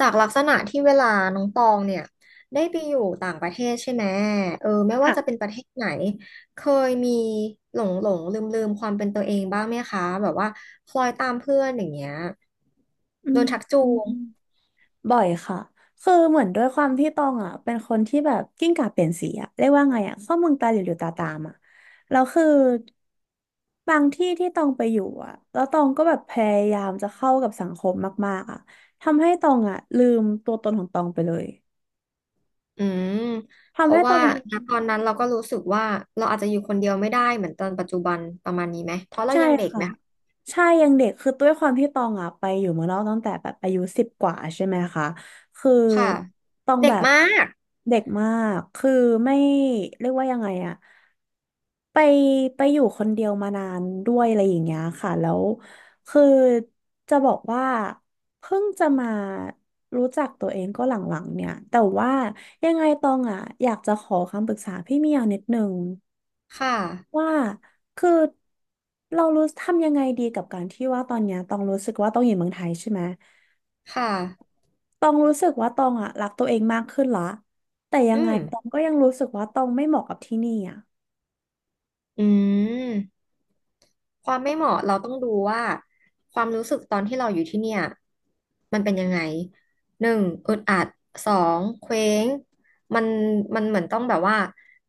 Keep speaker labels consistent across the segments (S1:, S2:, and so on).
S1: จากลักษณะที่เวลาน้องตองเนี่ยได้ไปอยู่ต่างประเทศใช่ไหมเออไม่ว่าจะเป็
S2: ค่ะ
S1: นประเทศไหนเคยมีหลงลืมๆความเป็นตัวเองบ้างไหมคะแบบว่าคล้อยตามเพื่อนอย่างเงี้ย
S2: อื
S1: โด
S2: ม
S1: นชักจู
S2: อืม
S1: ง
S2: บ่อยค่ะ คือเหมือนด้วยความที่ตองอ่ะเป็นคนที่แบบกิ้งก่าเปลี่ยนสีอ่ะเรียกว่าไงอ่ะเข้าเมืองตาหลิวหลิวตาตามอ่ะแล้วคือบางที่ที่ตองไปอยู่อ่ะแล้วตองก็แบบพยายามจะเข้ากับสังคมมากๆอ่ะทำให้ตองอ่ะลืมตัวตนของตองไปเลย
S1: อืมเพ
S2: ทำ
S1: ราะ
S2: ให้ตอ
S1: ว่า
S2: ง
S1: ณตอนนั้นเราก็รู้สึกว่าเราอาจจะอยู่คนเดียวไม่ได้เหมือนตอนปัจจุบันประมาณนี้ไหมเพราะเรา
S2: ใช่
S1: ยังเด็ก
S2: ค่ะ
S1: ไหม
S2: ใช่ยังเด็กคือด้วยความที่ตองอ่ะไปอยู่เมืองนอกตั้งแต่แบบอายุสิบกว่าใช่ไหมคะคือ
S1: ค่ะ
S2: ตอง
S1: เด็
S2: แบ
S1: ก
S2: บ
S1: มาก
S2: เด็กมากคือไม่เรียกว่ายังไงอ่ะไปไปอยู่คนเดียวมานานด้วยอะไรอย่างเงี้ยค่ะแล้วคือจะบอกว่าเพิ่งจะมารู้จักตัวเองก็หลังๆเนี่ยแต่ว่ายังไงตองอ่ะอยากจะขอคำปรึกษาพี่เมียวนิดนึง
S1: ค่ะ
S2: ว่าคือเรารู้ทำยังไงดีกับการที่ว่าตอนเนี้ยต้องรู้สึกว่าต้องอยู่เมืองไทยใช่ไหม
S1: ค่ะ
S2: ต้องรู้สึกว่าตองอ่ะรักตัวเองมากขึ้นละแต่ยั
S1: อื
S2: งไง
S1: ม
S2: ตองก็ยังรู้สึกว่าตองไม่เหมาะกับที่นี่อ่ะ
S1: อืม ความไม่เหมาะเราต้องดูว่าความรู้สึกตอนที่เราอยู่ที่เนี่ยมันเป็นยังไงหนึ่งอึดอัดสองเคว้งมันมันเหมือนต้องแบบว่า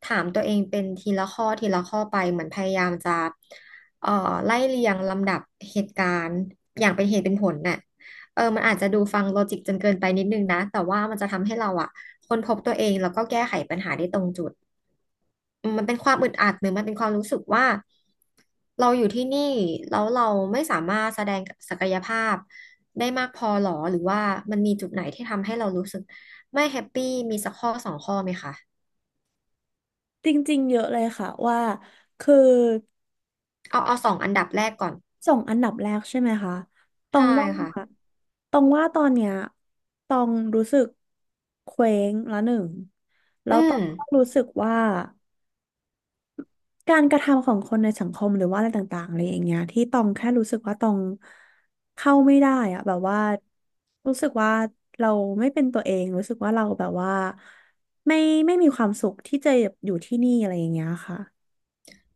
S1: ถามตัวเองเป็นทีละข้อทีละข้อไปเหมือนพยายามจะเอ่อไล่เรียงลำดับเหตุการณ์อย่างเป็นเหตุเป็นผลน่ะเออมันอาจจะดูฟังโลจิกจนเกินไปนิดนึงนะแต่ว่ามันจะทำให้เราอะค้นพบตัวเองแล้วก็แก้ไขปัญหาได้ตรงจุด มันเป็นความอึดอัดหรือมันเป็นความรู้สึกว่าเราอยู่ที่นี่แล้วเราไม่สามารถแสดงศักยภาพได้มากพอหรอหรือว่ามันมีจุดไหนที่ทำให้เรารู้สึกไม่แฮปปี้มีสักข้อสองข้อไหมคะ
S2: จริงๆเยอะเลยค่ะว่าคือ
S1: เอาสองอันดับแรกก่อน
S2: ส่งอันดับแรกใช่ไหมคะตอ
S1: ใช่
S2: งว่า
S1: ค่ะ
S2: ต้องว่าตอนเนี้ยต้องรู้สึกเคว้งละหนึ่งแล้
S1: อื
S2: วต้อ
S1: ม
S2: งก็รู้สึกว่า การกระทำของคนในสังคมหรือว่าอะไรต่างๆอะไรอย่างเงี้ยที่ตองแค่รู้สึกว่าตองเข้าไม่ได้อะแบบว่ารู้สึกว่าเราไม่เป็นตัวเองรู้สึกว่าเราแบบว่าไม่ไม่มีความสุขที่จะอยู่ที่นี่อะไรอย่างเงี้ยค่ะ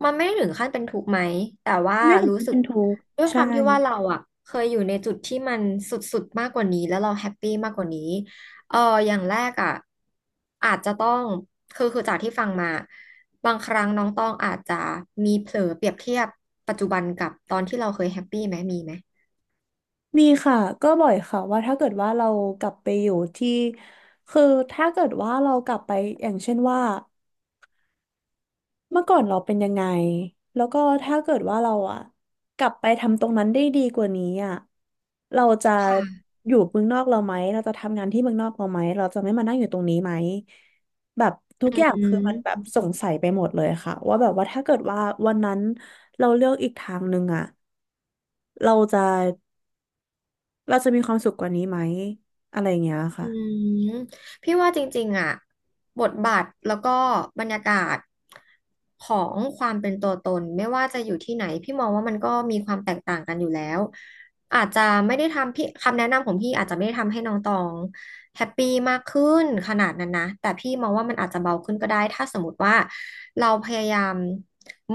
S1: มันไม่ได้ถึงขั้นเป็นทุกข์ไหมแต่ว่า
S2: ไม่ถึง
S1: รู้
S2: กับ
S1: สึ
S2: เป็
S1: ก
S2: นทุกข์
S1: ด้วยค
S2: ใช่
S1: วามที่ว่าเราอะเคยอยู่ในจุดที่มันสุดๆมากกว่านี้แล้วเราแฮปปี้มากกว่านี้เอออย่างแรกอะอาจจะต้องคือจากที่ฟังมาบางครั้งน้องต้องอาจจะมีเผลอเปรียบเทียบปัจจุบันกับตอนที่เราเคยแฮปปี้ไหมมีไหม
S2: มีค่ะก็บ่อยค่ะว่าถ้าเกิดว่าเรากลับไปอยู่ที่คือถ้าเกิดว่าเรากลับไปอย่างเช่นว่า เมื่อก่อนเราเป็นยังไงแล้วก็ถ้าเกิดว่าเราอะกลับไปทำตรงนั้นได้ดีกว่านี้อะเราจะ
S1: ค่ะ
S2: อยู่เมืองนอกเราไหมเราจะทำงานที่เมืองนอกเราไหมเราจะไม่มานั่งอยู่ตรงนี้ไหมแบบทุกอย่าง
S1: อื
S2: คือมันแบบ
S1: ม
S2: สงสัยไปหมดเลยค่ะว่าแบบว่าถ้าเกิดว่าวันนั้นเราเลือกอีกทางหนึ่งอะเราจะเราจะมีความสุขกว่านี้ไหมอะไรอย่างเงี้ย
S1: อื
S2: ค่ะ
S1: มพี่ว่าจริงๆอ่ะบทบาทแล้วก็บรรยากาศของความเป็นตัวตนไม่ว่าจะอยู่ที่ไหนพี่มองว่ามันก็มีความแตกต่างกันอยู่แล้วอาจจะไม่ได้ทำพี่คำแนะนำของพี่อาจจะไม่ได้ทำให้น้องตองแฮปปี้มากขึ้นขนาดนั้นนะแต่พี่มองว่ามันอาจจะเบาขึ้นก็ได้ถ้าสมมติว่าเราพยายาม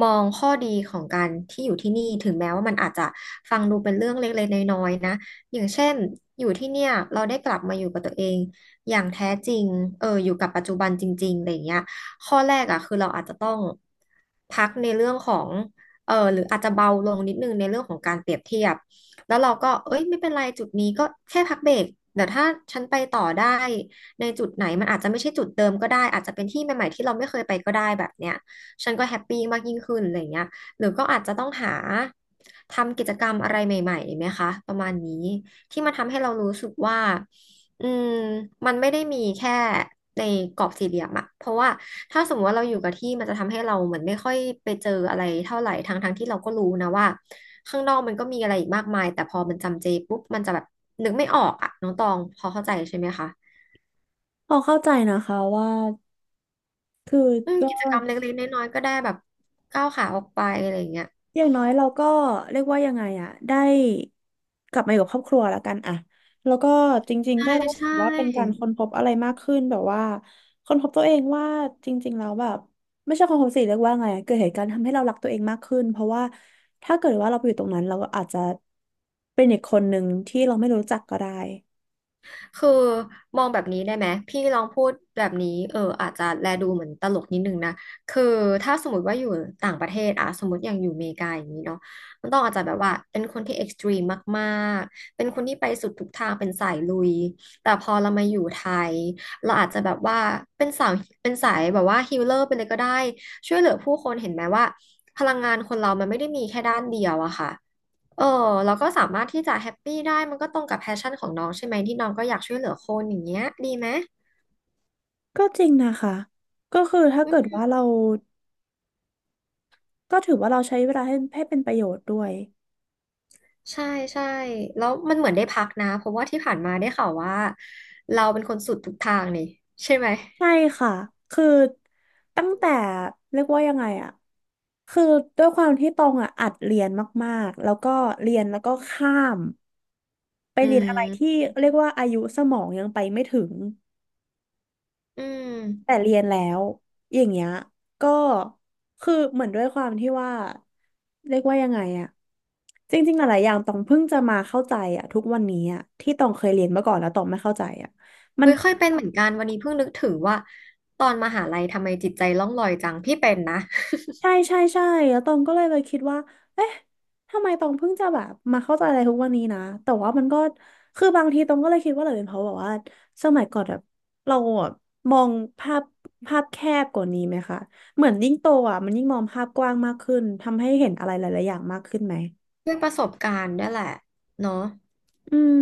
S1: มองข้อดีของการที่อยู่ที่นี่ถึงแม้ว่ามันอาจจะฟังดูเป็นเรื่องเล็กๆน้อยๆนะ อย่างเช่นอยู่ที่เนี่ยเราได้กลับมาอยู่กับตัวเองอย่างแท้จริงเอออยู่กับปัจจุบันจริงๆอะไรอย่างเงี้ยข้อแรกอ่ะคือเราอาจจะต้องพักในเรื่องของเออหรืออาจจะเบาลงนิดนึงในเรื่องของการเปรียบเทียบแล้วเราก็เอ้ยไม่เป็นไรจุดนี้ก็แค่พักเบรกแต่ถ้าฉันไปต่อได้ในจุดไหนมันอาจจะไม่ใช่จุดเดิมก็ได้อาจจะเป็นที่ใหม่ๆที่เราไม่เคยไปก็ได้แบบเนี้ยฉันก็แฮปปี้มากยิ่งขึ้นอะไรอย่างเงี้ย หรือก็อาจจะต้องหาทำกิจกรรมอะไรใหม่ๆไหมคะประมาณนี้ที่มันทำให้เรารู้สึกว่าอืมมันไม่ได้มีแค่ในกรอบสี่เหลี่ยมอะเพราะว่าถ้าสมมติว่าเราอยู่กับที่มันจะทำให้เราเหมือนไม่ค่อยไปเจออะไรเท่าไหร่ทั้งที่เราก็รู้นะว่าข้างนอกมันก็มีอะไรอีกมากมายแต่พอมันจำเจปุ๊บมันจะแบบนึกไม่ออกอะน้องตองพอเข้าใจใช่ไหมคะ
S2: พอเข้าใจนะคะว่าคือ
S1: อืม
S2: ก็
S1: กิจกรรมเล็กๆน้อยๆก็ได้แบบก้าวขาออกไปอะไรอย่างเงี้ย
S2: อย่างน้อยเราก็เรียกว่ายังไงอะได้กลับมาอยู่กับครอบครัวแล้วกันอะแล้วก็จริง
S1: ใช่
S2: ๆก็ถือ
S1: ใช่
S2: ว่าเป็นการค้นพบอะไรมากขึ้นแบบว่าค้นพบตัวเองว่าจริงๆแล้วแบบไม่ใช่ค้นพบสิเรียกว่าไงอะเกิดเหตุการณ์ทำให้เรารักตัวเองมากขึ้นเพราะว่าถ้าเกิดว่าเราไปอยู่ตรงนั้นเราก็อาจจะเป็นอีกคนหนึ่งที่เราไม่รู้จักก็ได้
S1: คือมองแบบนี้ได้ไหมพี่ลองพูดแบบนี้เอออาจจะแลดูเหมือนตลกนิดนึงนะคือถ้าสมมติว่าอยู่ต่างประเทศอะสมมติอย่างอยู่อเมริกาอย่างนี้เนาะมันต้องอาจจะแบบว่าเป็นคนที่เอ็กซ์ตรีมมากๆเป็นคนที่ไปสุดทุกทางเป็นสายลุยแต่พอเรามาอยู่ไทยเราอาจจะแบบว่าเป็นสาวเป็นสายแบบว่าฮีลเลอร์ไปเลยก็ได้ช่วยเหลือผู้คนเห็นไหมว่าพลังงานคนเรามันไม่ได้มีแค่ด้านเดียวอะค่ะ เออแล้วก็สามารถที่จะแฮปปี้ได้มันก็ตรงกับแพชชั่นของน้องใช่ไหมที่น้องก็อยากช่วยเหลือคนอย่างเงี้ยดีไหม
S2: ก็จริงนะคะก็คือถ้า
S1: อื
S2: เกิด
S1: ม
S2: ว่าเราก็ถือว่าเราใช้เวลาให้เป็นประโยชน์ด้วย
S1: ใช่ใช่แล้วมันเหมือนได้พักนะเพราะว่าที่ผ่านมาได้ข่าวว่าเราเป็นคนสุดทุกทางนี่ใช่ไหม
S2: ใช่ค่ะ คือตั้งแต่เรียกว่ายังไงอะ คือด้วยความที่ตองอะอัดเรียนมากๆแล้วก็เรียนแล้วก็ข้ามไป
S1: อื
S2: เรียนอะไรที่
S1: ม
S2: เรียกว่าอายุสมองยังไปไม่ถึง
S1: อื
S2: แต่
S1: ม
S2: เรียนแล้วอย่างเงี้ยก็คือเหมือนด้วยความที่ว่าเรียกว่ายังไงอะจริงๆหลายๆอย่างตองเพิ่งจะมาเข้าใจอะทุกวันนี้อะที่ตองเคยเรียนมาก่อนแล้วตองไม่เข้าใจอะมั
S1: เฮ้
S2: น
S1: ยเคยเป็นเหมือนกันวันนี้เพิ่งนึกถึงว่าตอนมหาลัยทำไมจิตใจล่องลอยจังพี่เป็นนะ
S2: ใช่ใช่ใช่แล้วตองก็เลยไปคิดว่าเอ๊ะทำไมตองเพิ่งจะแบบมาเข้าใจอะไรทุกวันนี้นะแต่ว่ามันก็คือบางทีตองก็เลยคิดว่าหรือเป็นเพราะแบบว่าสมัยก่อนแบบเราอะมองภาพภาพแคบกว่านี้ไหมคะเหมือนยิ่งโตอ่ะมันยิ่งมองภาพกว้างมากขึ้นทำให้เห็นอะไรหลายๆอย่างมากขึ้นไหม
S1: ด้วยประสบการณ์ด้วยแหละเนาะ
S2: อืม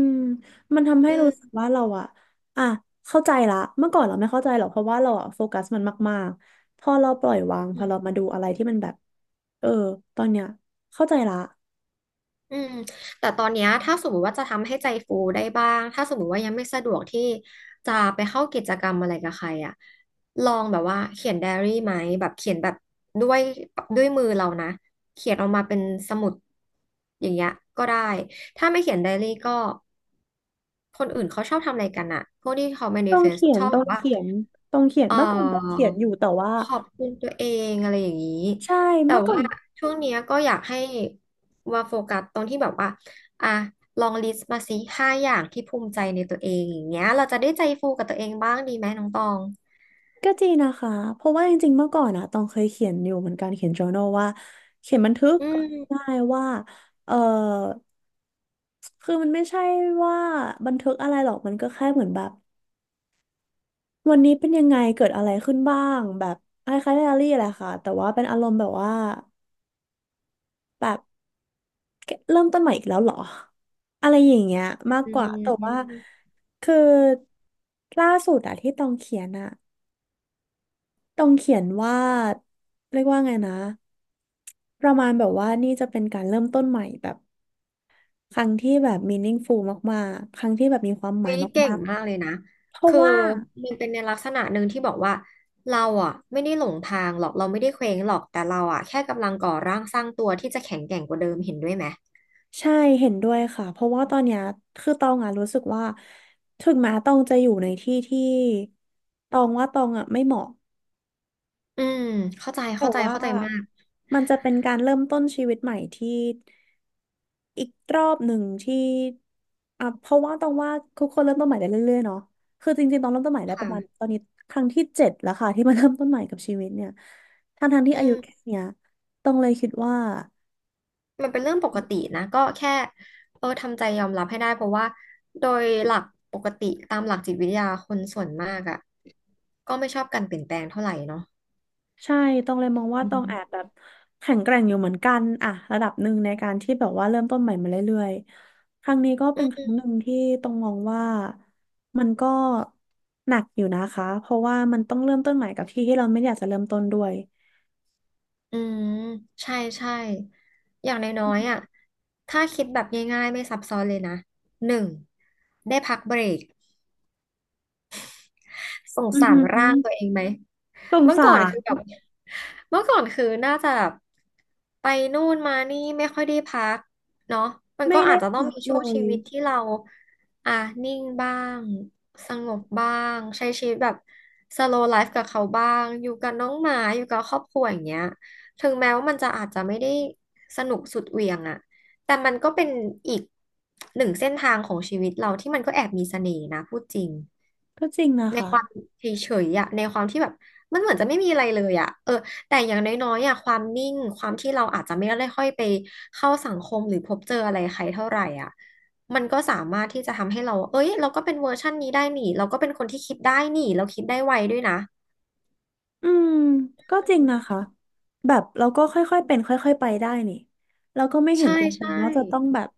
S2: มันทำให้รู้สึก
S1: อื
S2: ว่าเราอะอ่ะเข้าใจละเมื่อก่อนเราไม่เข้าใจหรอกเพราะว่าเราอะโฟกัสมันมากๆพอเราปล่อยวางพอเรามา
S1: ม
S2: ดูอะไรที่มันแบบเออตอนเนี้ยเข้าใจละ
S1: อืมแต่ตอนเนี้ยถ้าสมมติว่าจะทำให้ใจฟูได้บ้างถ้าสมมติว่ายังไม่สะดวกที่จะไปเข้ากิจกรรมอะไรกับใครอ่ะลองแบบว่าเขียนไดอารี่ไหมแบบเขียนแบบด้วยด้วยมือเรานะเขียนออกมาเป็นสมุดอย่างเงี้ยก็ได้ถ้าไม่เขียนไดอารี่ก็คนอื่นเขาชอบทำอะไรกันอ่ะพวกที่เขา
S2: ต้อง
S1: manifest
S2: เขีย
S1: ช
S2: น
S1: อบ
S2: ต้อ
S1: แบ
S2: ง
S1: บว่า
S2: เขียนต้องเขียน
S1: เ
S2: เมื่อก่อนต้องเขี
S1: ออ
S2: ยนอยู่แต่ว่า
S1: ขอบคุณตัวเองอะไรอย่างนี้
S2: ใช่
S1: แต่
S2: เมื่อก่อ
S1: ว่า
S2: น
S1: ช่วงเนี้ยก็อยากให้ว่าโฟกัสตรงที่แบบว่าอ่ะลองลิสต์มาสิห้าอย่างที่ภูมิใจในตัวเองอย่างเงี้ยเราจะได้ใจฟูกับตัวเองบ้างดีไหมน้องตอง
S2: ก็จริงนะคะเพราะว่าจริงๆเมื่อก่อนอะต้องเคยเขียนอยู่เหมือนกันเขียน journal ว่าเขียนบันทึก
S1: อื
S2: ได้
S1: ม
S2: ว่าเออคือมันไม่ใช่ว่าบันทึกอะไรหรอกมันก็แค่เหมือนแบบ วันนี้เป็นยังไงเกิดอะไรขึ้นบ้างแบบคล้ายๆไดอารี่แหละค่ะแต่ว่าเป็นอารมณ์แบบว่าแบบเริ่มต้นใหม่อีกแล้วเหรอ อะไรอย่างเงี้ยมาก
S1: อื
S2: กว่าแต่ว่า
S1: ม
S2: คือล่าสุดอะที่ตองเขียนอะตองเขียนว่าเรียกว่าไงนะประมาณแบบว่านี่จะเป็นการเริ่มต้นใหม่แบบครั้งที่แบบ meaningful มากๆครั้งที่แบบมีความหมา
S1: เฮ้
S2: ย
S1: ยเก่
S2: มา
S1: ง
S2: ก
S1: มากเลยนะ
S2: ๆเพราะ
S1: คือ
S2: ว่า
S1: มันเป็นในลักษณะหนึ่งที่บอกว่าเราอ่ะไม่ได้หลงทางหรอกเราไม่ได้เคว้งหรอกแต่เราอ่ะแค่กำลังก่อร่างสร้างตัวที่จะแข็งแกร่งกว่าเดิมเห็นด้วยไหม
S2: ใช่เห็นด้วยค่ะเพราะว่าตอนเนี้ยคือตองอ่ะรู้สึกว่าถึงแม้ตองจะอยู่ในที่ที่ตองว่าตองอ่ะไม่เหมาะ
S1: อืมเข้าใจ
S2: แต่
S1: เข้าใจ
S2: ว่า
S1: เข้าใจมาก
S2: มันจะเป็นการเริ่มต้นชีวิตใหม่ที่อีกรอบหนึ่งที่อ่ะเพราะว่าตองว่าทุกคนเริ่มต้นใหม่ได้เรื่อยๆเนาะคือจริงๆตองเริ่มต้นใหม่ได้
S1: ค
S2: ประมาณตอ
S1: ่ะ
S2: นนี้ครั้งที่เจ็ดแล้วค่ะที่มาเริ่มต้นใหม่กับชีวิตเนี่ยทั้งๆที่
S1: อื
S2: อายุแค่
S1: ม
S2: เนี้ยตองเลยคิดว่า
S1: มันเป็นเรื่องปกตินะ ก็แค่เออทำใจยอมรับให้ได้เพราะว่าโดยหลักปกติตามหลักจิตวิทยาคนส่วนมากอ่ะก็ไม่ชอบการเปลี่ยนแปลงเท่าไหร่เนาะ
S2: ใช่ตองเลยมองว่า
S1: อื
S2: ตองแอบ
S1: ม
S2: แบบแข็งแกร่งอยู่เหมือนกันอะระดับหนึ่งในการที่แบบว่าเริ่มต้นใหม่มาเรื่อยๆ ครั้งนี้ก็
S1: อื
S2: เป็นครั้ง
S1: ม
S2: หนึ่งที่ตองมองว่ามันก็หนักอยู่นะคะเพราะว่ามันต้องเริ่มต้นใหม่กับที่ที่เราไม่อยากจะเริ่มต้นด้วย
S1: อืมใช่ใช่อย่างน้อยๆอ่ะถ้าคิดแบบง่ายๆไม่ซับซ้อนเลยนะหนึ่งได้พักเบรก สง
S2: อือ
S1: สาร
S2: หื
S1: ร่า
S2: อ
S1: งตัวเองไหม
S2: สง
S1: เมื่อ
S2: สา
S1: ก่อน
S2: ร
S1: คือแบบเมื่อก่อนคือน่าจะแบบไปนู่นมานี่ไม่ค่อยได้พักเนาะมัน
S2: ไม่
S1: ก็
S2: ได้
S1: อาจจะต้อง
S2: รัก
S1: มี
S2: เล
S1: ช่วง
S2: ย
S1: ชีวิตที่เราอ่ะนิ่งบ้างสงบบ้างใช้ชีวิตแบบ slow life กับเขาบ้างอยู่กับน้องหมาอยู่กับครอบครัวอย่างเงี้ยถึงแม้ว่ามันจะอาจจะไม่ได้สนุกสุดเหวี่ยงอะแต่มันก็เป็นอีกหนึ่งเส้นทางของชีวิตเราที่มันก็แอบมีเสน่ห์นะพูดจริง
S2: ก็จริงนะ
S1: ใน
S2: คะ
S1: ความเฉยๆอะในความที่แบบมันเหมือนจะไม่มีอะไรเลยอะเออแต่อย่างน้อยๆอะความนิ่งความที่เราอาจจะไม่ได้ค่อยไปเข้าสังคมหรือพบเจออะไรใครเท่าไหร่อะมันก็สามารถที่จะทำให้เราเอ้ยเราก็เป็นเวอร์ชันนี้ได้นี่เราก็เป็นคนที่คิดได้นี่เราคิดได้ไวด้วยนะ
S2: อืมก็จริ
S1: อื
S2: งนะ
S1: ม
S2: คะแบบเราก็ค่อยๆเป็นค่อยๆไปได้นี่เราก็ไม่เห็น
S1: ใช่
S2: จำเป็น
S1: ใช่
S2: ว่าจะต้องแบบ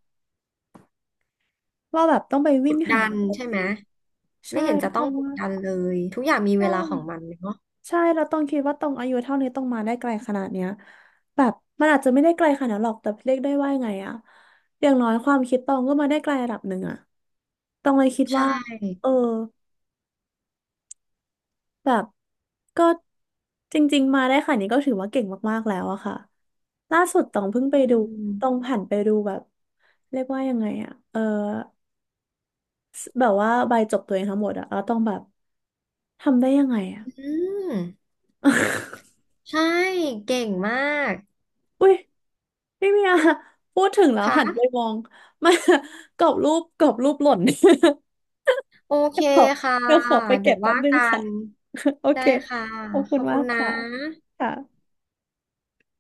S2: ว่าแบบต้องไป
S1: ก
S2: วิ่ง
S1: ด
S2: หา
S1: ดัน
S2: อะไร
S1: ใช่ไหม
S2: นี่
S1: ไม่
S2: ใช่
S1: เห็นจะ
S2: เพ
S1: ต้อง
S2: ราะ
S1: ก
S2: ว่า
S1: ดดันเลยทุกอย่างมี
S2: ใช่
S1: เวลาของมันเนาะ
S2: ใช่เราต้องคิดว่าตรงอายุเท่านี้ต้องมาได้ไกลขนาดเนี้ยแบบมันอาจจะไม่ได้ไกลขนาดนั้นหรอกแต่เรียกได้ว่าไงอะอย่างน้อยความคิดตองก็มาได้ไกลระดับหนึ่งอะตองเลยคิด
S1: ใช
S2: ว่า
S1: ่
S2: เออแบบก็จริงๆมาได้ขนาดนี้ก็ถือว่าเก่งมากๆแล้วอะค่ะล่าสุดตองเพิ่งไป
S1: อื
S2: ดูตอง
S1: ม
S2: ผ่านไปดูแบบเรียกว่ายังไงอะแบบว่าใบจบตัวเองทั้งหมดอะแล้วตองแบบทำได้ยังไงอะ
S1: อืมใช่เก่งมาก
S2: อุ้ย พี่เมีย พูดถึงแล้ว
S1: ค่ะ
S2: หันไปมอง มากรอบรูปกรอบรูปหล่น
S1: โอเค
S2: เดี๋ยวขอ
S1: ค่ะ
S2: เดี๋ยวขอไป
S1: เดี๋
S2: เก็
S1: ย
S2: บ
S1: ว
S2: แป๊บ
S1: ว่า
S2: นึง
S1: กั
S2: ค่ะ
S1: น
S2: โอ
S1: ได้
S2: เค
S1: ค่ะ
S2: ขอบ
S1: ข
S2: คุณ
S1: อบ
S2: มา
S1: คุณ
S2: ก
S1: นะ
S2: ค่ะค่ะ